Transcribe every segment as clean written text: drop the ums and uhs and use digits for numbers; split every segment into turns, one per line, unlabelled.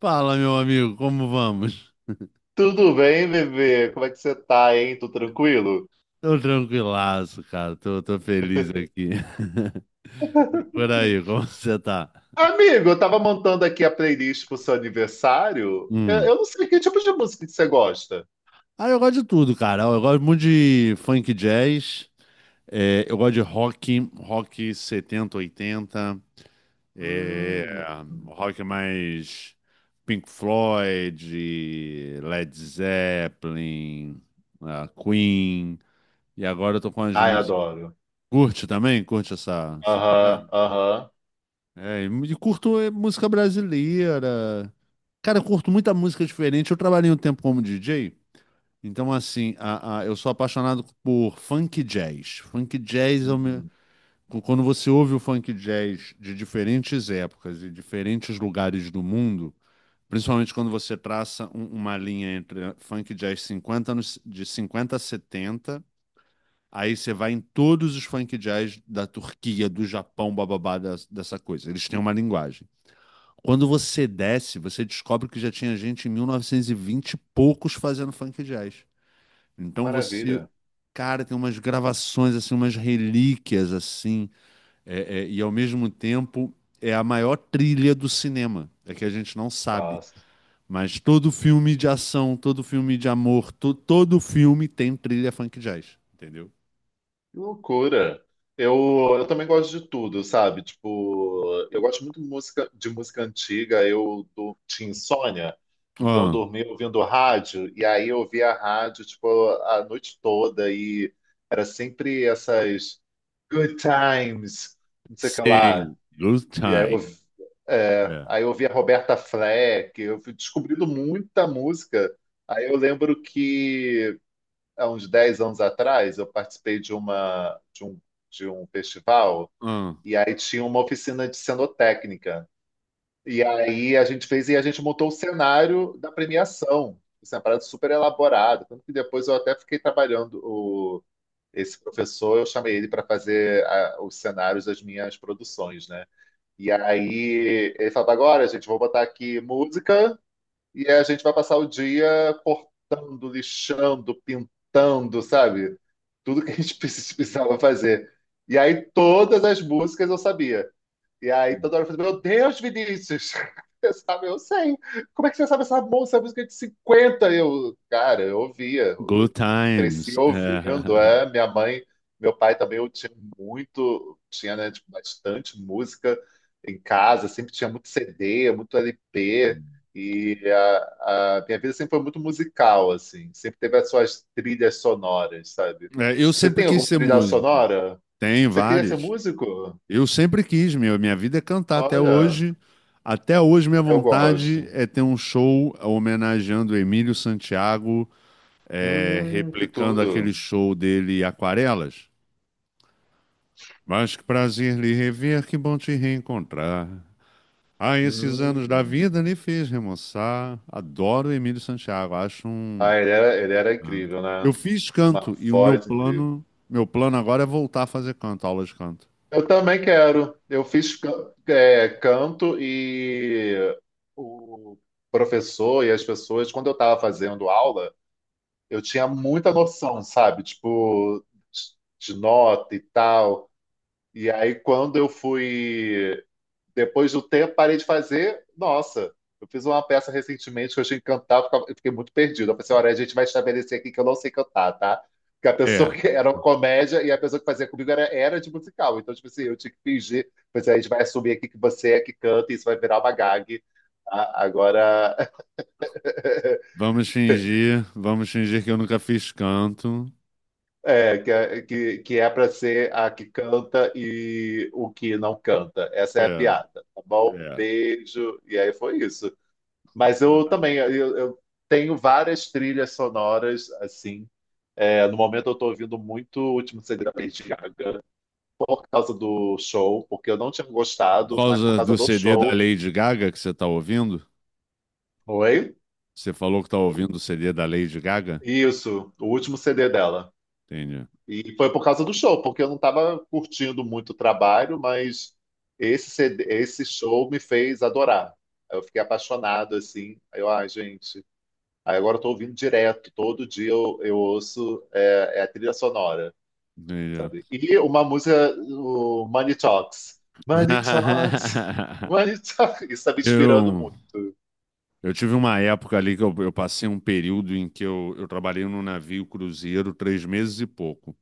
Fala, meu amigo, como vamos?
Tudo bem, bebê? Como é que você tá, hein? Tudo tranquilo?
Tô tranquilaço, cara. Tô feliz aqui. E por aí, como você tá?
Amigo, eu tava montando aqui a playlist pro seu aniversário. Eu,
Hum.
eu não sei que tipo de música que você gosta.
Ah, eu gosto de tudo, cara. Eu gosto muito de funk jazz. É, eu gosto de rock, rock 70, 80, é,
Hum.
rock mais Pink Floyd, Led Zeppelin, ah, Queen. E agora eu tô com as
Ai,
músicas.
adoro.
Curte também? Curte essa pegada?
Aham, aham.
É, e curto é, música brasileira. Cara, eu curto muita música diferente. Eu trabalhei um tempo como DJ, então assim, eu sou apaixonado por funk jazz. Funk jazz é o meu...
Uhum.
Quando você ouve o funk jazz de diferentes épocas e diferentes lugares do mundo, principalmente quando você traça uma linha entre funk jazz 50 anos, de 50 a 70, aí você vai em todos os funk jazz da Turquia, do Japão, bababá, dessa coisa. Eles têm uma linguagem. Quando você desce, você descobre que já tinha gente em 1920 e vinte e poucos fazendo funk jazz.
Que
Então você,
maravilha.
cara, tem umas gravações assim, umas relíquias assim, e ao mesmo tempo é a maior trilha do cinema, é que a gente não sabe. Mas todo filme de ação, todo filme de amor, todo filme tem trilha funk jazz, entendeu?
Que loucura. Eu, eu também gosto de tudo, sabe? Tipo, eu gosto muito de música antiga. Tinha insônia, então eu
Ah,
dormia ouvindo rádio, e aí eu ouvia rádio, tipo, a noite toda, e era sempre essas good times, não sei o que lá.
sim, good
E aí eu,
time.
ouvi- é,
É.
aí eu ouvia Roberta Fleck, eu fui descobrindo muita música. Aí eu lembro que há uns 10 anos atrás, eu participei de um festival
Ah,
e aí tinha uma oficina de cenotécnica. E aí a gente fez e a gente montou o cenário da premiação. Isso é uma parada super elaborada. Tanto que depois eu até fiquei trabalhando esse professor, eu chamei ele para fazer os cenários das minhas produções, né? E aí ele falava, agora, gente, vou botar aqui música e a gente vai passar o dia cortando, lixando, pintando, sabe? Tudo que a gente precisava fazer. E aí todas as músicas eu sabia. E aí toda hora eu falei, meu Deus, Vinícius! Eu, sabe, eu sei. Como é que você sabe essa música de 50? Eu, cara, eu ouvia.
good
Eu cresci
times.
ouvindo.
É.
É, minha mãe, meu pai também, eu tinha muito, tinha, né, tipo, bastante música em casa, sempre tinha muito CD, muito LP. E a minha vida sempre foi muito musical, assim. Sempre teve as suas trilhas sonoras, sabe?
É, eu
Você
sempre
tem
quis
alguma
ser
trilha
músico.
sonora?
Tem
Você queria ser
várias.
músico?
Eu sempre quis, meu. Minha vida é cantar até
Olha.
hoje. Até hoje, minha
Eu
vontade
gosto.
é ter um show homenageando o Emílio Santiago, é,
Que
replicando aquele
tudo.
show dele Aquarelas. Mas que prazer lhe rever, que bom te reencontrar. Ah, esses anos da
Hum.
vida lhe fez remoçar. Adoro o Emílio Santiago, acho um...
Ah, ele era incrível,
Eu
né?
fiz
Uma
canto e o
voz incrível.
meu plano agora é voltar a fazer canto, aula de canto.
Eu também quero. Eu fiz canto e o professor e as pessoas, quando eu estava fazendo aula, eu tinha muita noção, sabe? Tipo, de nota e tal. E aí, quando eu fui depois do tempo, parei de fazer. Nossa, eu fiz uma peça recentemente que eu achei que cantar, eu fiquei muito perdido. Eu pensei, olha, a gente vai estabelecer aqui que eu não sei cantar, tá? Porque a pessoa
É,
que era uma comédia e a pessoa que fazia comigo era de musical. Então, tipo assim, eu tinha que fingir. Pois é, a gente vai assumir aqui que você é que canta e isso vai virar uma gag. Agora,
vamos fingir, vamos fingir que eu nunca fiz canto.
que é para ser a que canta e o que não canta. Essa
É,
é a piada, tá bom?
é.
Beijo. E aí foi isso. Mas eu também, eu tenho várias trilhas sonoras, assim. É, no momento eu tô ouvindo muito o Último Segredo da Lady Gaga por causa do show, porque eu não tinha
Por
gostado, mas por
causa do
causa do
CD da
show.
Lady Gaga que você tá ouvindo?
Oi?
Você falou que tá ouvindo o CD da Lady Gaga?
Isso, o último CD dela.
Entendi.
E foi por causa do show, porque eu não estava curtindo muito o trabalho, mas esse CD, esse show me fez adorar. Eu fiquei apaixonado, assim. Aí eu, ai, gente. Aí agora eu tô ouvindo direto, todo dia eu ouço é a trilha sonora.
Entendi.
Sabe? E uma música, o Money Talks. Money Talks, Money Talks. Isso está me inspirando
Eu,
muito.
eu tive uma época ali que eu passei um período em que eu trabalhei num navio cruzeiro 3 meses e pouco.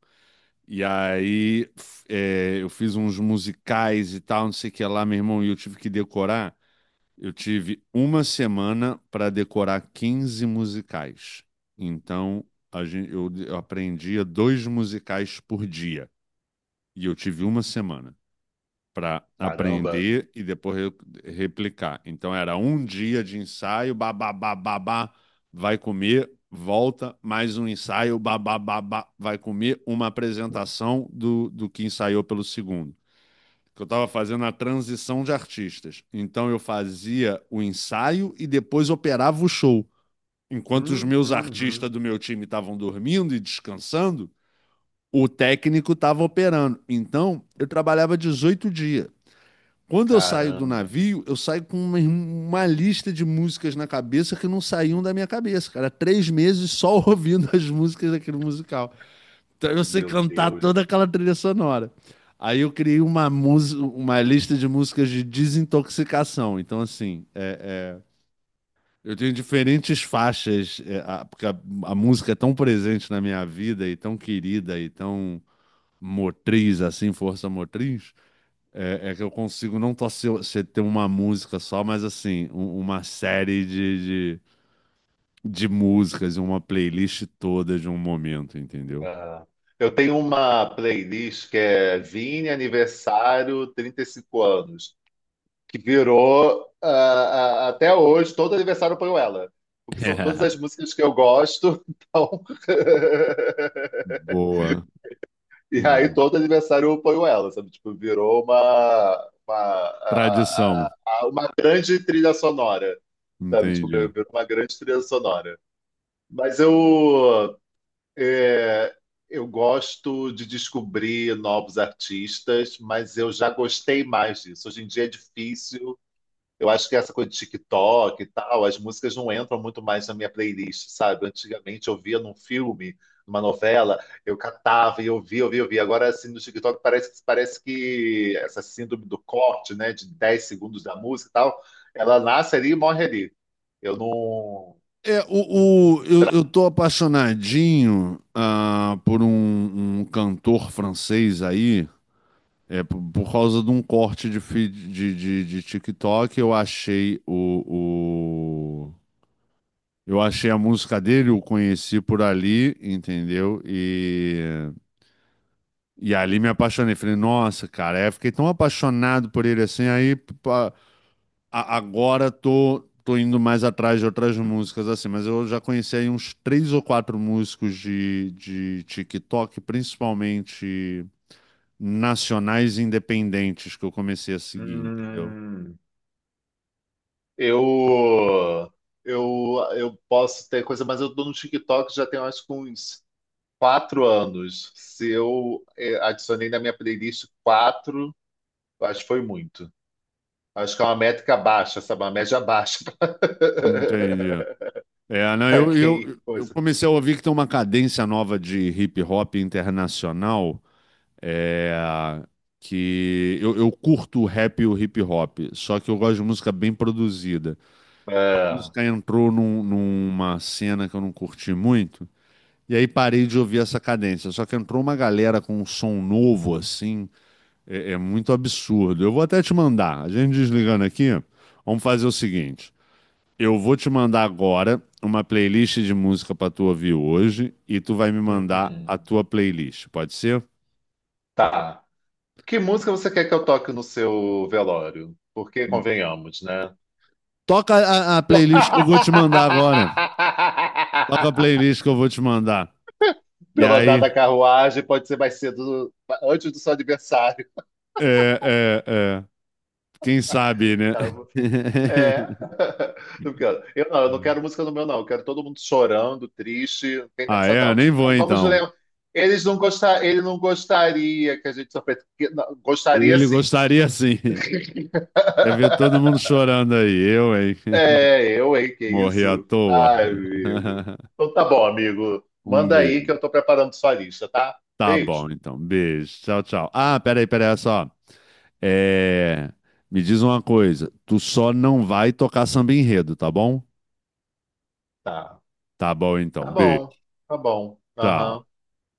E aí eu fiz uns musicais e tal, não sei o que lá, meu irmão, e eu tive que decorar. Eu tive uma semana para decorar 15 musicais. Então, eu aprendia 2 musicais por dia. E eu tive uma semana para
Caramba.
aprender e depois replicar. Então, era um dia de ensaio, babá, vai comer, volta, mais um ensaio, babá, vai comer, uma apresentação do que ensaiou pelo segundo que eu estava fazendo a transição de artistas. Então eu fazia o ensaio e depois operava o show. Enquanto os
Hum,
meus
hum,
artistas
hum.
do meu time estavam dormindo e descansando, o técnico estava operando. Então eu trabalhava 18 dias. Quando eu saio do
Caramba.
navio, eu saio com uma lista de músicas na cabeça que não saíam da minha cabeça, cara. 3 meses só ouvindo as músicas daquele musical. Então eu sei
Meu
cantar
Deus.
toda aquela trilha sonora. Aí eu criei uma música, uma lista de músicas de desintoxicação. Então, assim, é, eu tenho diferentes faixas, é, a música é tão presente na minha vida e tão querida e tão motriz, assim, força motriz, que eu consigo não só ser, ter uma música só, mas assim, uma série de músicas, uma playlist toda de um momento, entendeu?
Ah, eu tenho uma playlist que é Vini Aniversário 35 anos, que virou até hoje, todo aniversário eu ponho ela. Porque são todas as músicas que eu gosto, então.
Boa.
E aí
Boa.
todo adversário apoiou ela, sabe? Tipo, virou uma,
Tradição,
a- uma grande trilha sonora, sabe? Tipo,
entendi.
virou uma grande trilha sonora. Mas eu, é, eu gosto de descobrir novos artistas, mas eu já gostei mais disso. Hoje em dia é difícil. Eu acho que essa coisa de TikTok e tal, as músicas não entram muito mais na minha playlist, sabe? Antigamente eu via num filme, numa novela, eu catava e eu via, eu via, eu via. Agora, assim, no TikTok parece que essa síndrome do corte, né, de 10 segundos da música e tal, ela nasce ali e morre ali. Eu não.
É, eu tô apaixonadinho ah, por um cantor francês aí, é, por causa de um corte de, de TikTok, eu achei eu achei a música dele, eu conheci por ali, entendeu? E ali me apaixonei. Falei, nossa, cara, aí eu fiquei tão apaixonado por ele assim, aí agora tô indo mais atrás de outras músicas, assim, mas eu já conheci aí uns três ou quatro músicos de TikTok, principalmente nacionais e independentes, que eu comecei a seguir, entendeu?
Hum, eu. Eu posso ter coisa, mas eu tô no TikTok já tem acho que uns 4 anos. Se eu adicionei na minha playlist quatro, acho que foi muito. Acho que é uma métrica baixa, sabe? Uma média baixa
Entendi. É, não,
para quem
eu
coisa.
comecei a ouvir que tem uma cadência nova de hip hop internacional, é, que eu curto o rap e o hip hop, só que eu gosto de música bem produzida.
É.
Música entrou numa cena que eu não curti muito, e aí parei de ouvir essa cadência. Só que entrou uma galera com um som novo, assim, é, é muito absurdo. Eu vou até te mandar. A gente desligando aqui, vamos fazer o seguinte: eu vou te mandar agora uma playlist de música para tu ouvir hoje, e tu vai me mandar
Uhum.
a tua playlist, pode ser?
Tá. Que música você quer que eu toque no seu velório? Porque convenhamos, né?
Toca a playlist que eu vou te mandar agora. Toca a playlist que eu vou te mandar. E
Pelo andar
aí,
da carruagem, pode ser mais cedo, antes do seu aniversário,
é. Quem sabe, né?
tá? É. Eu não quero música no meu, não. Eu quero todo mundo chorando, triste. Não tem
Ah,
dessa,
é? Eu
não.
nem
Tipo,
vou
"Ai, vamos ler.
então.
Um. Eles não gostar, ele não gostaria que a gente sofresse. Não, gostaria
Ele
sim.
gostaria sim. Quer ver todo mundo chorando aí. Eu, hein?
É, eu, hein? Que
Morri à
isso?
toa.
Ai, amigo. Então tá bom, amigo.
Um
Manda aí
beijo.
que eu tô preparando sua lista, tá?
Tá
Beijo.
bom, então. Beijo. Tchau, tchau. Ah, peraí, peraí, olha só. É... Me diz uma coisa. Tu só não vai tocar samba enredo, tá bom?
Tá.
Tá bom, então.
Tá
Beijo.
bom. Tá bom.
Tchau.
Aham.